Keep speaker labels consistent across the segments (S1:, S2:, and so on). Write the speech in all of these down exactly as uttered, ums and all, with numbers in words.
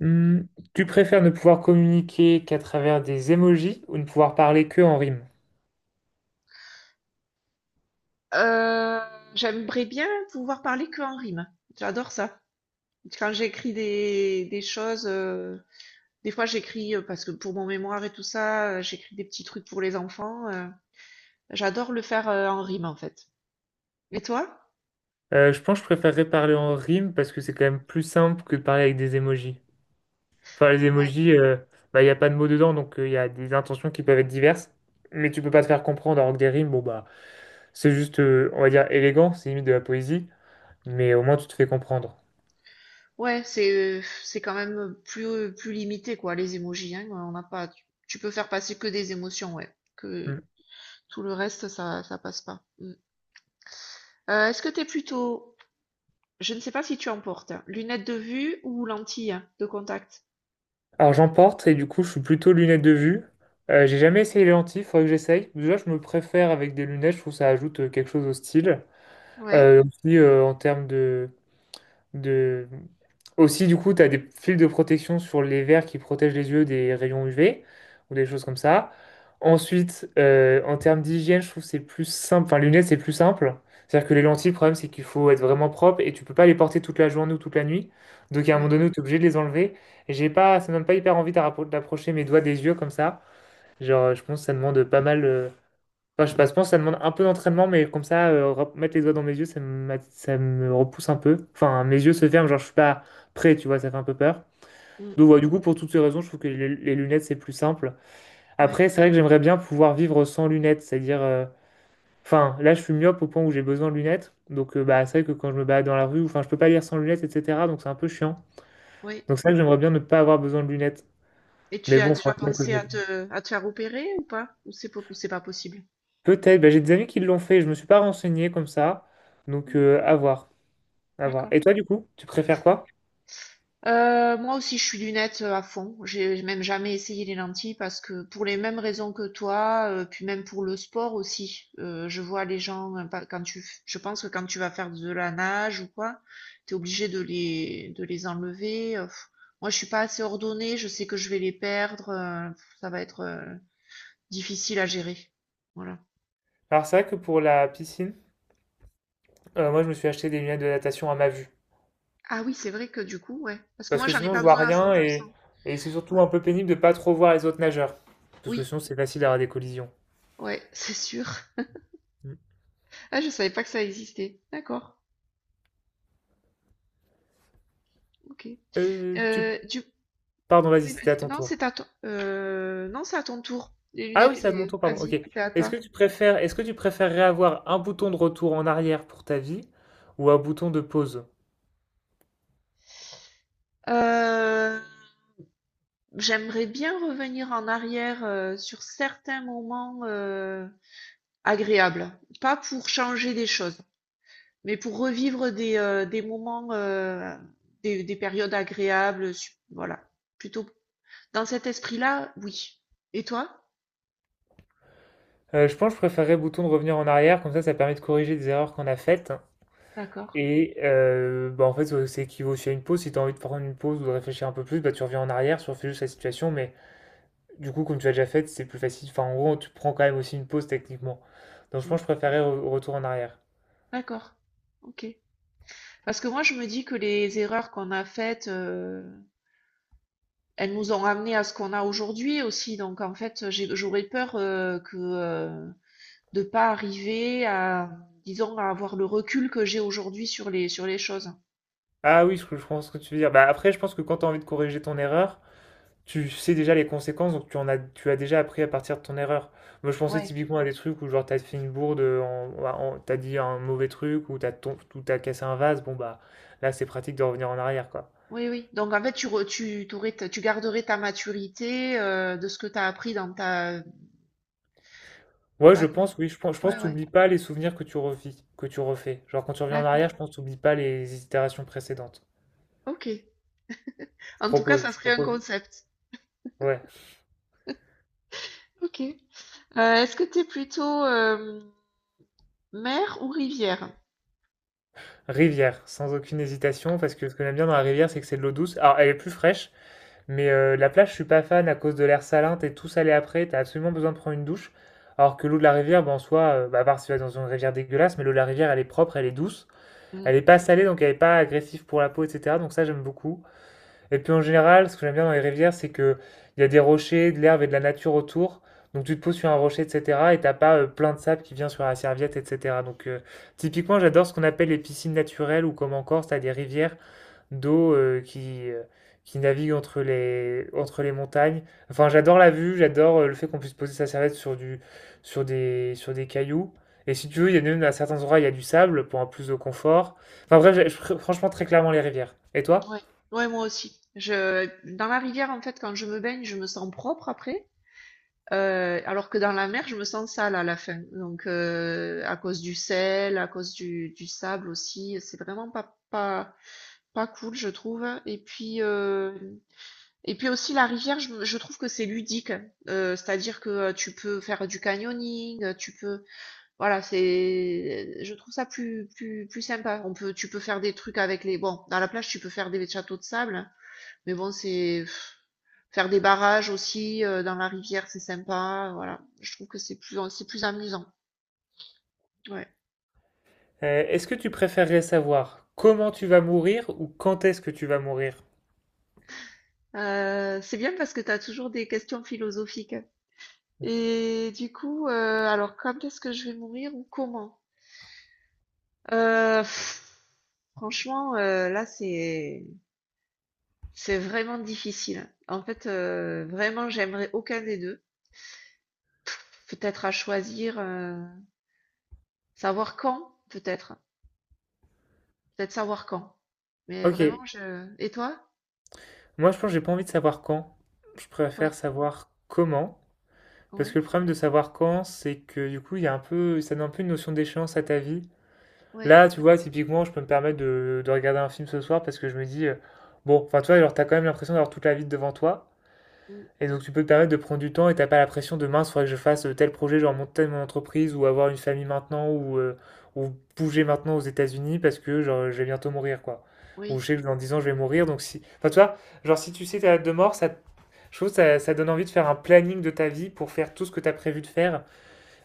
S1: Hmm, Tu préfères ne pouvoir communiquer qu'à travers des emojis ou ne pouvoir parler que en rime?
S2: Heu, J'aimerais bien pouvoir parler que en rime. J'adore ça. Quand j'écris des des choses, heu, des fois j'écris, heu, parce que pour mon mémoire et tout ça, heu, j'écris des petits trucs pour les enfants, heu, j'adore le faire, heu, en rime, en fait. Et toi?
S1: Euh, je pense que je préférerais parler en rime parce que c'est quand même plus simple que de parler avec des emojis. Enfin, les
S2: Ouais.
S1: emojis, euh, bah, il n'y a pas de mots dedans, donc euh, il y a des intentions qui peuvent être diverses, mais tu peux pas te faire comprendre. Alors que des rimes, bon, bah, c'est juste, euh, on va dire, élégant, c'est limite de la poésie, mais au moins tu te fais comprendre.
S2: Ouais, c'est, heu, c'est quand même, plus, plus limité quoi, les émojis, hein, on n'a pas tu tu peux faire passer que des émotions, ouais, que
S1: Hmm.
S2: tout le reste ça ça passe pas. Mmh. Heu, est-ce que t'es plutôt Je ne sais pas si tu en portes. Lunettes de vue ou lentilles de contact?
S1: Alors j'en porte et du coup, je suis plutôt lunettes de vue. Euh, j'ai jamais essayé les lentilles, faudrait que j'essaye. Déjà, je me préfère avec des lunettes, je trouve que ça ajoute euh, quelque chose au style.
S2: Ouais.
S1: Euh, aussi, euh, en termes de, de... Aussi, du coup, tu as des fils de protection sur les verres qui protègent les yeux des rayons U V ou des choses comme ça. Ensuite, euh, en termes d'hygiène, je trouve que c'est plus simple. Enfin, les lunettes, c'est plus simple. C'est-à-dire que les lentilles, le problème, c'est qu'il faut être vraiment propre et tu peux pas les porter toute la journée ou toute la nuit. Donc, à un moment
S2: Ouais.
S1: donné, tu es obligé de les enlever. Et j'ai pas, ça me donne pas hyper envie d'appro- d'approcher mes doigts des yeux comme ça. Genre, je pense que ça demande pas mal. euh, Enfin, je sais pas, je pense que ça demande un peu d'entraînement, mais comme ça, euh, rep- mettre les doigts dans mes yeux, ça me, ça me repousse un peu. Enfin, mes yeux se ferment, genre je suis pas prêt, tu vois, ça fait un peu peur.
S2: Mm.
S1: Donc voilà, du coup, pour toutes ces raisons, je trouve que les, les lunettes, c'est plus simple.
S2: Ouais.
S1: Après, c'est vrai que j'aimerais bien pouvoir vivre sans lunettes, c'est-à-dire, euh, enfin, là, je suis myope au point où j'ai besoin de lunettes. Donc, euh, bah, c'est vrai que quand je me balade dans la rue, enfin, je peux pas lire sans lunettes, et cetera. Donc, c'est un peu chiant.
S2: Ouais.
S1: Donc, c'est vrai que j'aimerais bien ne pas avoir besoin de lunettes.
S2: Et tu
S1: Mais
S2: as
S1: bon, il
S2: déjà
S1: faudrait bien que je
S2: pensé à
S1: mette.
S2: te, à te faire opérer ou pas? Ou c'est po- ou c'est pas possible?
S1: Peut-être, bah, j'ai des amis qui l'ont fait, je me suis pas renseigné comme ça. Donc,
S2: Mm.
S1: euh, à voir. À voir.
S2: D'accord.
S1: Et toi, du coup, tu préfères quoi?
S2: Euh, moi aussi, je suis lunettes euh, à fond. J'ai j'ai même jamais essayé les lentilles parce que pour les mêmes raisons que toi, euh, puis même pour le sport aussi. Euh, je vois les gens euh, pas- quand tu, f- je pense que quand tu vas faire de la nage ou quoi, t'es obligé de les de les enlever. Euh, pff. Moi, je suis pas assez ordonnée. Je sais que je vais les perdre. euh, pff, ça va être euh, difficile à gérer. Voilà.
S1: Alors, c'est vrai que pour la piscine, euh, moi, je me suis acheté des lunettes de natation à ma vue.
S2: Ah oui, c'est vrai que du coup, ouais. Parce que
S1: Parce
S2: moi,
S1: que
S2: j'en ai
S1: sinon, je
S2: pas
S1: vois
S2: besoin à
S1: rien et,
S2: cent pour cent.
S1: et c'est surtout
S2: Ouais.
S1: un peu pénible de pas trop voir les autres nageurs. Parce que
S2: Oui,
S1: sinon, c'est facile d'avoir des collisions.
S2: ouais, c'est sûr.
S1: Mm.
S2: Ah, je savais pas que ça existait. D'accord. OK.
S1: Euh, tu...
S2: Heu, du
S1: Pardon, vas-y,
S2: oui,
S1: c'était à
S2: vas-y.
S1: ton
S2: Non,
S1: tour.
S2: c'est à toi. Heu, non, c'est à ton tour. Les
S1: Ah
S2: lunettes,
S1: oui, c'est à mon
S2: c'est
S1: tour, pardon. Ok.
S2: vas-y, c'est à
S1: Est-ce que
S2: toi.
S1: tu préfères, est-ce que tu préférerais avoir un bouton de retour en arrière pour ta vie ou un bouton de pause?
S2: Heu, j'aimerais bien revenir en arrière, heu, sur certains moments, heu, agréables. Pas pour changer des choses, mais pour revivre des, heu, des moments, heu, des des périodes agréables, su voilà. Plutôt dans cet esprit-là, oui. Et toi?
S1: Euh, je pense que je préférerais le bouton de revenir en arrière, comme ça, ça permet de corriger des erreurs qu'on a faites.
S2: D'accord.
S1: Et euh, bah, en fait, ouais, c'est équivaut aussi à une pause. Si tu as envie de prendre une pause ou de réfléchir un peu plus, bah, tu reviens en arrière, tu refais juste la situation. Mais du coup, comme tu l'as déjà fait, c'est plus facile. Enfin, en gros, tu prends quand même aussi une pause techniquement. Donc, je
S2: Mmh.
S1: pense que je préférais re- retour en arrière.
S2: D'accord. OK. Parce que moi, je me dis que les erreurs qu'on a faites, euh, elles nous ont ramené à ce qu'on a aujourd'hui aussi. Donc, en fait, j'ai- j'aurais peur euh, que euh, de pas arriver à, disons, à avoir le recul que j'ai aujourd'hui sur les sur les choses.
S1: Ah oui, je, je pense que tu veux dire. Bah, après, je pense que quand tu as envie de corriger ton erreur, tu sais déjà les conséquences. Donc, tu, en as, tu as déjà appris à partir de ton erreur. Moi, je pensais
S2: Ouais,
S1: typiquement à des trucs où, genre, tu as fait une bourde, en, en- t'as dit un mauvais truc, ou tu as, cassé un vase. Bon, bah, là, c'est pratique de revenir en arrière, quoi.
S2: oui, oui. Donc, en fait, tu re- tu t'aurais ta- tu garderais ta maturité euh, de ce que tu as appris dans ta.
S1: Ouais, je
S2: D'accord.
S1: pense, oui, je pense, je pense
S2: Ouais,
S1: que
S2: ouais.
S1: t'oublies pas les souvenirs que tu revis, que tu refais. Genre quand tu reviens en
S2: D'accord.
S1: arrière, je pense que t'oublies pas les itérations précédentes.
S2: Ok.
S1: Je
S2: En tout cas,
S1: propose,
S2: ça
S1: je
S2: serait un
S1: propose.
S2: concept.
S1: Ouais.
S2: Ok. Euh, est-ce que tu es plutôt euh, mer ou rivière?
S1: Rivière, sans aucune hésitation, parce que ce que j'aime bien dans la rivière, c'est que c'est de l'eau douce. Alors elle est plus fraîche, mais euh, la plage, je suis pas fan à cause de l'air salin, t'es tout salé après, t'as absolument besoin de prendre une douche. Alors que l'eau de la rivière, ben, en soi, euh, bah, à part si tu vas dans une rivière dégueulasse, mais l'eau de la rivière, elle est propre, elle est douce. Elle est pas salée, donc elle est pas agressive pour la peau, et cetera. Donc ça, j'aime beaucoup. Et puis en général, ce que j'aime bien dans les rivières, c'est que il y a des rochers, de l'herbe et de la nature autour. Donc tu te poses sur un rocher, et cetera. Et t'as pas euh, plein de sable qui vient sur la serviette, et cetera. Donc euh, typiquement, j'adore ce qu'on appelle les piscines naturelles ou comme en Corse, t'as des rivières d'eau euh, qui, euh, qui naviguent entre les, entre les montagnes. Enfin, j'adore la vue, j'adore euh, le fait qu'on puisse poser sa serviette sur du, sur des, sur des cailloux. Et si tu veux, il y a même à certains endroits, il y a du sable pour un plus de confort. Enfin bref, j'ai- je pr- franchement, très clairement les rivières. Et toi?
S2: Ouais, ouais, moi aussi. Je, dans la rivière, en fait, quand je me baigne, je me sens propre après, euh, alors que dans la mer, je me sens sale à la fin. Donc, euh, à cause du sel, à cause du, du sable aussi, c'est vraiment pas, pas, pas cool, je trouve. Et puis, euh, et puis aussi, la rivière, je, je trouve que c'est ludique. Euh, c'est-à-dire que euh, tu peux faire du canyoning, euh, tu peux, voilà, c'est, je trouve ça plus, plus, plus sympa. On peut, tu peux faire des trucs avec les, bon, dans la plage, tu peux faire des châteaux de sable. Mais bon, c'est faire des barrages aussi euh, dans la rivière, c'est sympa. Voilà, je trouve que c'est plus c'est plus amusant. Ouais.
S1: Euh, est-ce que tu préférerais savoir comment tu vas mourir ou quand est-ce que tu vas mourir?
S2: Euh, c'est bien parce que tu as toujours des questions philosophiques. Et du coup, euh, alors quand est-ce que je vais mourir ou comment? Euh, pff, franchement, euh, là c'est c'est vraiment difficile. En fait, euh, vraiment, j'aimerais aucun des deux. Peut-être à choisir, euh, savoir quand, peut-être, peut-être savoir quand. Mais
S1: Ok,
S2: vraiment, je. Et toi?
S1: moi je pense que j'ai pas envie de savoir quand. Je
S2: Ouais,
S1: préfère savoir comment. Parce
S2: ouais,
S1: que le problème de savoir quand, c'est que du coup, il y a un peu, ça donne un peu une notion d'échéance à ta vie.
S2: ouais,
S1: Là, tu vois, typiquement, je peux me permettre de, de regarder un film ce soir parce que je me dis, euh, bon, enfin, tu vois, genre, t'as quand même l'impression d'avoir toute la vie devant toi.
S2: mm,
S1: Et donc tu peux te permettre de prendre du temps et t'as pas la pression de mince, faudrait que je fasse euh, tel projet, genre monter mon entreprise ou avoir une famille maintenant ou, euh, ou bouger maintenant aux États-Unis parce que genre, je vais bientôt mourir quoi. Ou
S2: oui,
S1: je sais que dans dix ans je vais mourir donc si. Enfin tu vois, genre si tu sais ta date de mort, ça, je trouve que ça, ça donne envie de faire un planning de ta vie pour faire tout ce que t'as prévu de faire.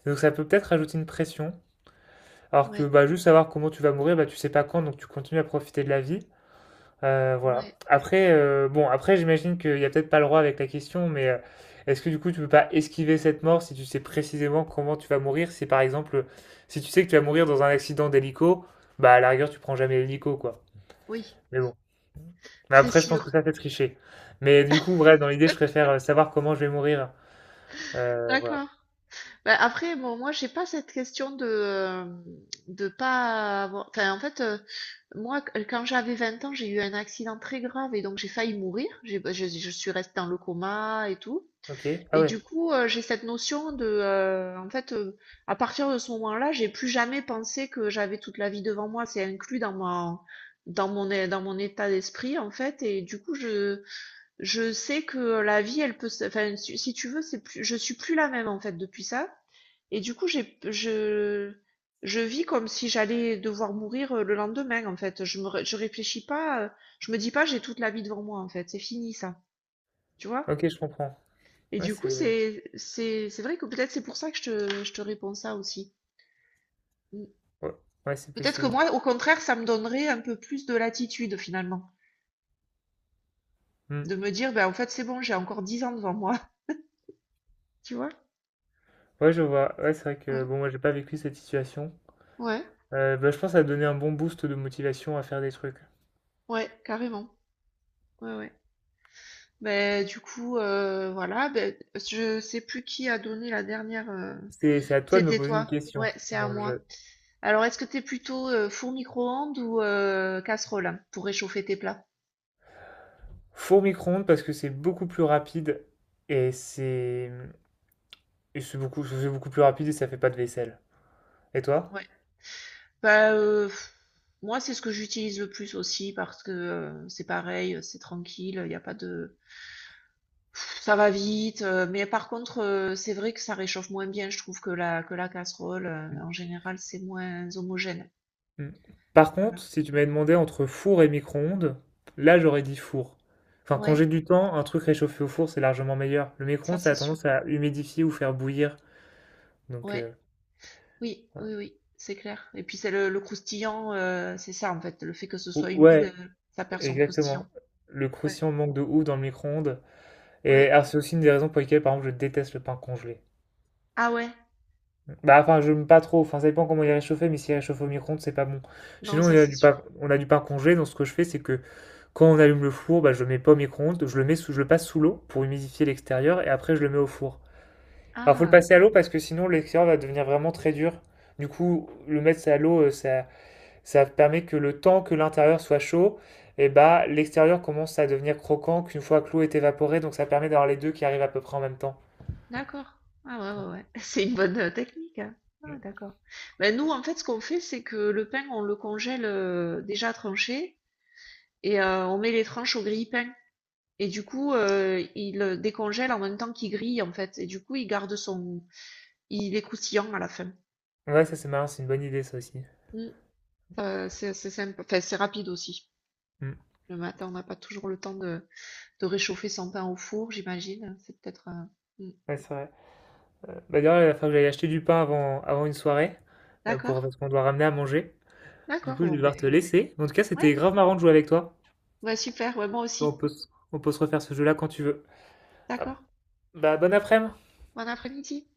S1: Et donc ça peut peut-être rajouter une pression. Alors que
S2: ouais,
S1: bah, juste savoir comment tu vas mourir, bah, tu sais pas quand donc tu continues à profiter de la vie. Euh, voilà.
S2: ouais,
S1: Après, euh, bon, après, j'imagine qu'il n'y a peut-être pas le droit avec la question, mais euh, est-ce que du coup, tu peux pas esquiver cette mort si tu sais précisément comment tu vas mourir? Si par exemple, si tu sais que tu vas mourir dans un accident d'hélico, bah à la rigueur, tu prends jamais l'hélico, quoi.
S2: oui,
S1: Mais bon. Mais
S2: c'est
S1: après, je pense que
S2: sûr.
S1: ça, c'est tricher. Mais du coup, bref, dans l'idée, je préfère euh, savoir comment je vais mourir. Euh, voilà.
S2: D'accord. Bah, après, bon, moi, j'ai pas cette question de euh, de pas avoir. Enfin, en fait, euh, moi, qu- euh, quand j'avais vingt ans, j'ai eu un accident très grave et donc j'ai failli mourir. J'ai, bah, je, je suis restée dans le coma et tout.
S1: Ok. Ah
S2: Et
S1: ouais.
S2: du coup, euh, j'ai cette notion de, euh, en fait, euh, à partir de ce moment-là, j'ai plus jamais pensé que j'avais toute la vie devant moi. C'est inclus dans ma dans mon é- dans mon état d'esprit en fait. Et du coup, je je sais que la vie, elle peut, se- enfin, si si tu veux, c'est plus, je suis plus la même en fait depuis ça. Et du coup, j'ai, je, je vis comme si j'allais devoir mourir euh, le lendemain en fait. Je me, ré- je réfléchis pas, euh, je me dis pas, j'ai toute la vie devant moi en fait. C'est fini ça, tu vois?
S1: Ok, je comprends.
S2: Et
S1: Ouais,
S2: du coup,
S1: c'est
S2: c'est, c'est, c'est vrai que peut-être c'est pour ça que je te, je te réponds ça aussi. Mm.
S1: ouais. Ouais, c'est
S2: Peut-être que
S1: possible.
S2: moi, au contraire, ça me donnerait un peu plus de latitude finalement,
S1: Hmm.
S2: de me dire, ben en fait, c'est bon, j'ai encore dix ans devant moi, tu vois?
S1: Ouais, je vois. Ouais, c'est vrai
S2: Ouais,
S1: que bon, moi, j'ai pas vécu cette situation.
S2: ouais,
S1: Heu, bah, je pense, que ça va donner un bon boost de motivation à faire des trucs.
S2: ouais, carrément. Ouais, ouais. Beh, du coup, heu, voilà, ben, je sais plus qui a donné la dernière, heu
S1: C'est c'est à toi de me
S2: c'était
S1: poser une
S2: toi?
S1: question
S2: Ouais, c'est à
S1: dans le
S2: moi.
S1: jeu.
S2: Alors, est-ce que t'es plutôt, heu, four micro-ondes ou heu, casserole hein, pour réchauffer tes plats?
S1: Four micro-ondes parce que c'est beaucoup plus rapide et c'est, mmh et c'est beaucoup c'est beaucoup plus rapide et ça fait pas de vaisselle. Et toi?
S2: Ouais. Bah, heu, moi, c'est ce que j'utilise le plus aussi parce que, heu, c'est pareil, heu, c'est tranquille, il y a pas de Pff, ça va vite, heu, mais par contre, heu, c'est vrai que ça réchauffe moins bien, je trouve, que la que la casserole, heu,
S1: Mmh
S2: en général, c'est moins homogène.
S1: mh. Par contre,
S2: Voilà.
S1: si tu m'avais demandé entre four et micro-ondes, là, j'aurais dit four. Enfin, quand
S2: Ouais,
S1: j'ai du temps, un truc réchauffé au four, c'est largement meilleur. Le
S2: ça,
S1: micro-ondes, ça
S2: c'est
S1: a
S2: sûr.
S1: tendance à humidifier ou faire bouillir, donc
S2: Ouais.
S1: heu,
S2: Oui,
S1: ouais.
S2: oui, oui, c'est clair. Et puis c'est le, le croustillant, euh, c'est ça en fait, le fait que ce
S1: Ou-
S2: soit humide,
S1: Ouais,
S2: euh, ça perd son croustillant.
S1: exactement. Le
S2: Ouais,
S1: croustillant manque de ouf dans le micro-ondes. Et
S2: ouais.
S1: alors, c'est aussi une des raisons pour lesquelles, par exemple, je déteste le pain congelé.
S2: Ah ouais,
S1: Bah, enfin, je n'aime pas trop. Enfin, ça dépend comment il est réchauffé, mais s'il est réchauffé au micro-ondes, c'est pas bon. Chez
S2: non,
S1: nous, on
S2: ça
S1: a
S2: c'est
S1: du pain,
S2: sûr.
S1: on a du pain congelé. Donc, ce que je fais, c'est que quand on allume le four, bah, je le mets pas au micro-ondes. Je le mets sous, je le passe sous l'eau pour humidifier l'extérieur et après, je le mets au four. Alors, faut le
S2: Ah,
S1: passer à l'eau parce que sinon, l'extérieur va devenir vraiment très dur. Du coup, le mettre à l'eau, euh, ça. Ça permet que le temps que l'intérieur soit chaud, et bah l'extérieur commence à devenir croquant qu'une fois que l'eau est évaporée, donc ça permet d'avoir les deux qui arrivent à peu près en même temps.
S2: d'accord. Ah ouais, ouais, ouais. C'est une bonne euh, technique, hein.
S1: Mm.
S2: Ah, d'accord. Ben, nous, en fait, ce qu'on fait, c'est que le pain, on le congèle euh, déjà tranché et euh, on met les tranches au grille-pain. Et du coup, euh, il euh, décongèle en même temps qu'il grille, en fait. Et du coup, il garde son... Il est croustillant à la fin.
S1: Ouais, ça c'est marrant, c'est une bonne idée ça aussi.
S2: Mm. Euh, c'est c'est sympa. Enfin, c'est rapide aussi.
S1: Mm.
S2: Le matin, on n'a pas toujours le temps de, de réchauffer son pain au four, j'imagine. C'est peut-être un... Mm.
S1: Ouais, c'est vrai. Bah d'ailleurs, il va falloir que j'aille acheter du pain avant, avant une soirée, euh, pour,
S2: D'accord,
S1: parce qu'on doit ramener à manger. Du
S2: d'accord,
S1: coup, je
S2: bon
S1: vais
S2: ben,
S1: devoir te laisser. En tout cas,
S2: ouais,
S1: c'était grave marrant de jouer avec toi.
S2: ouais super, ouais, moi aussi.
S1: On peut, se- on peut se refaire ce jeu-là quand tu veux. Ah,
S2: D'accord.
S1: bah, bon après-midi!
S2: Bon après-midi.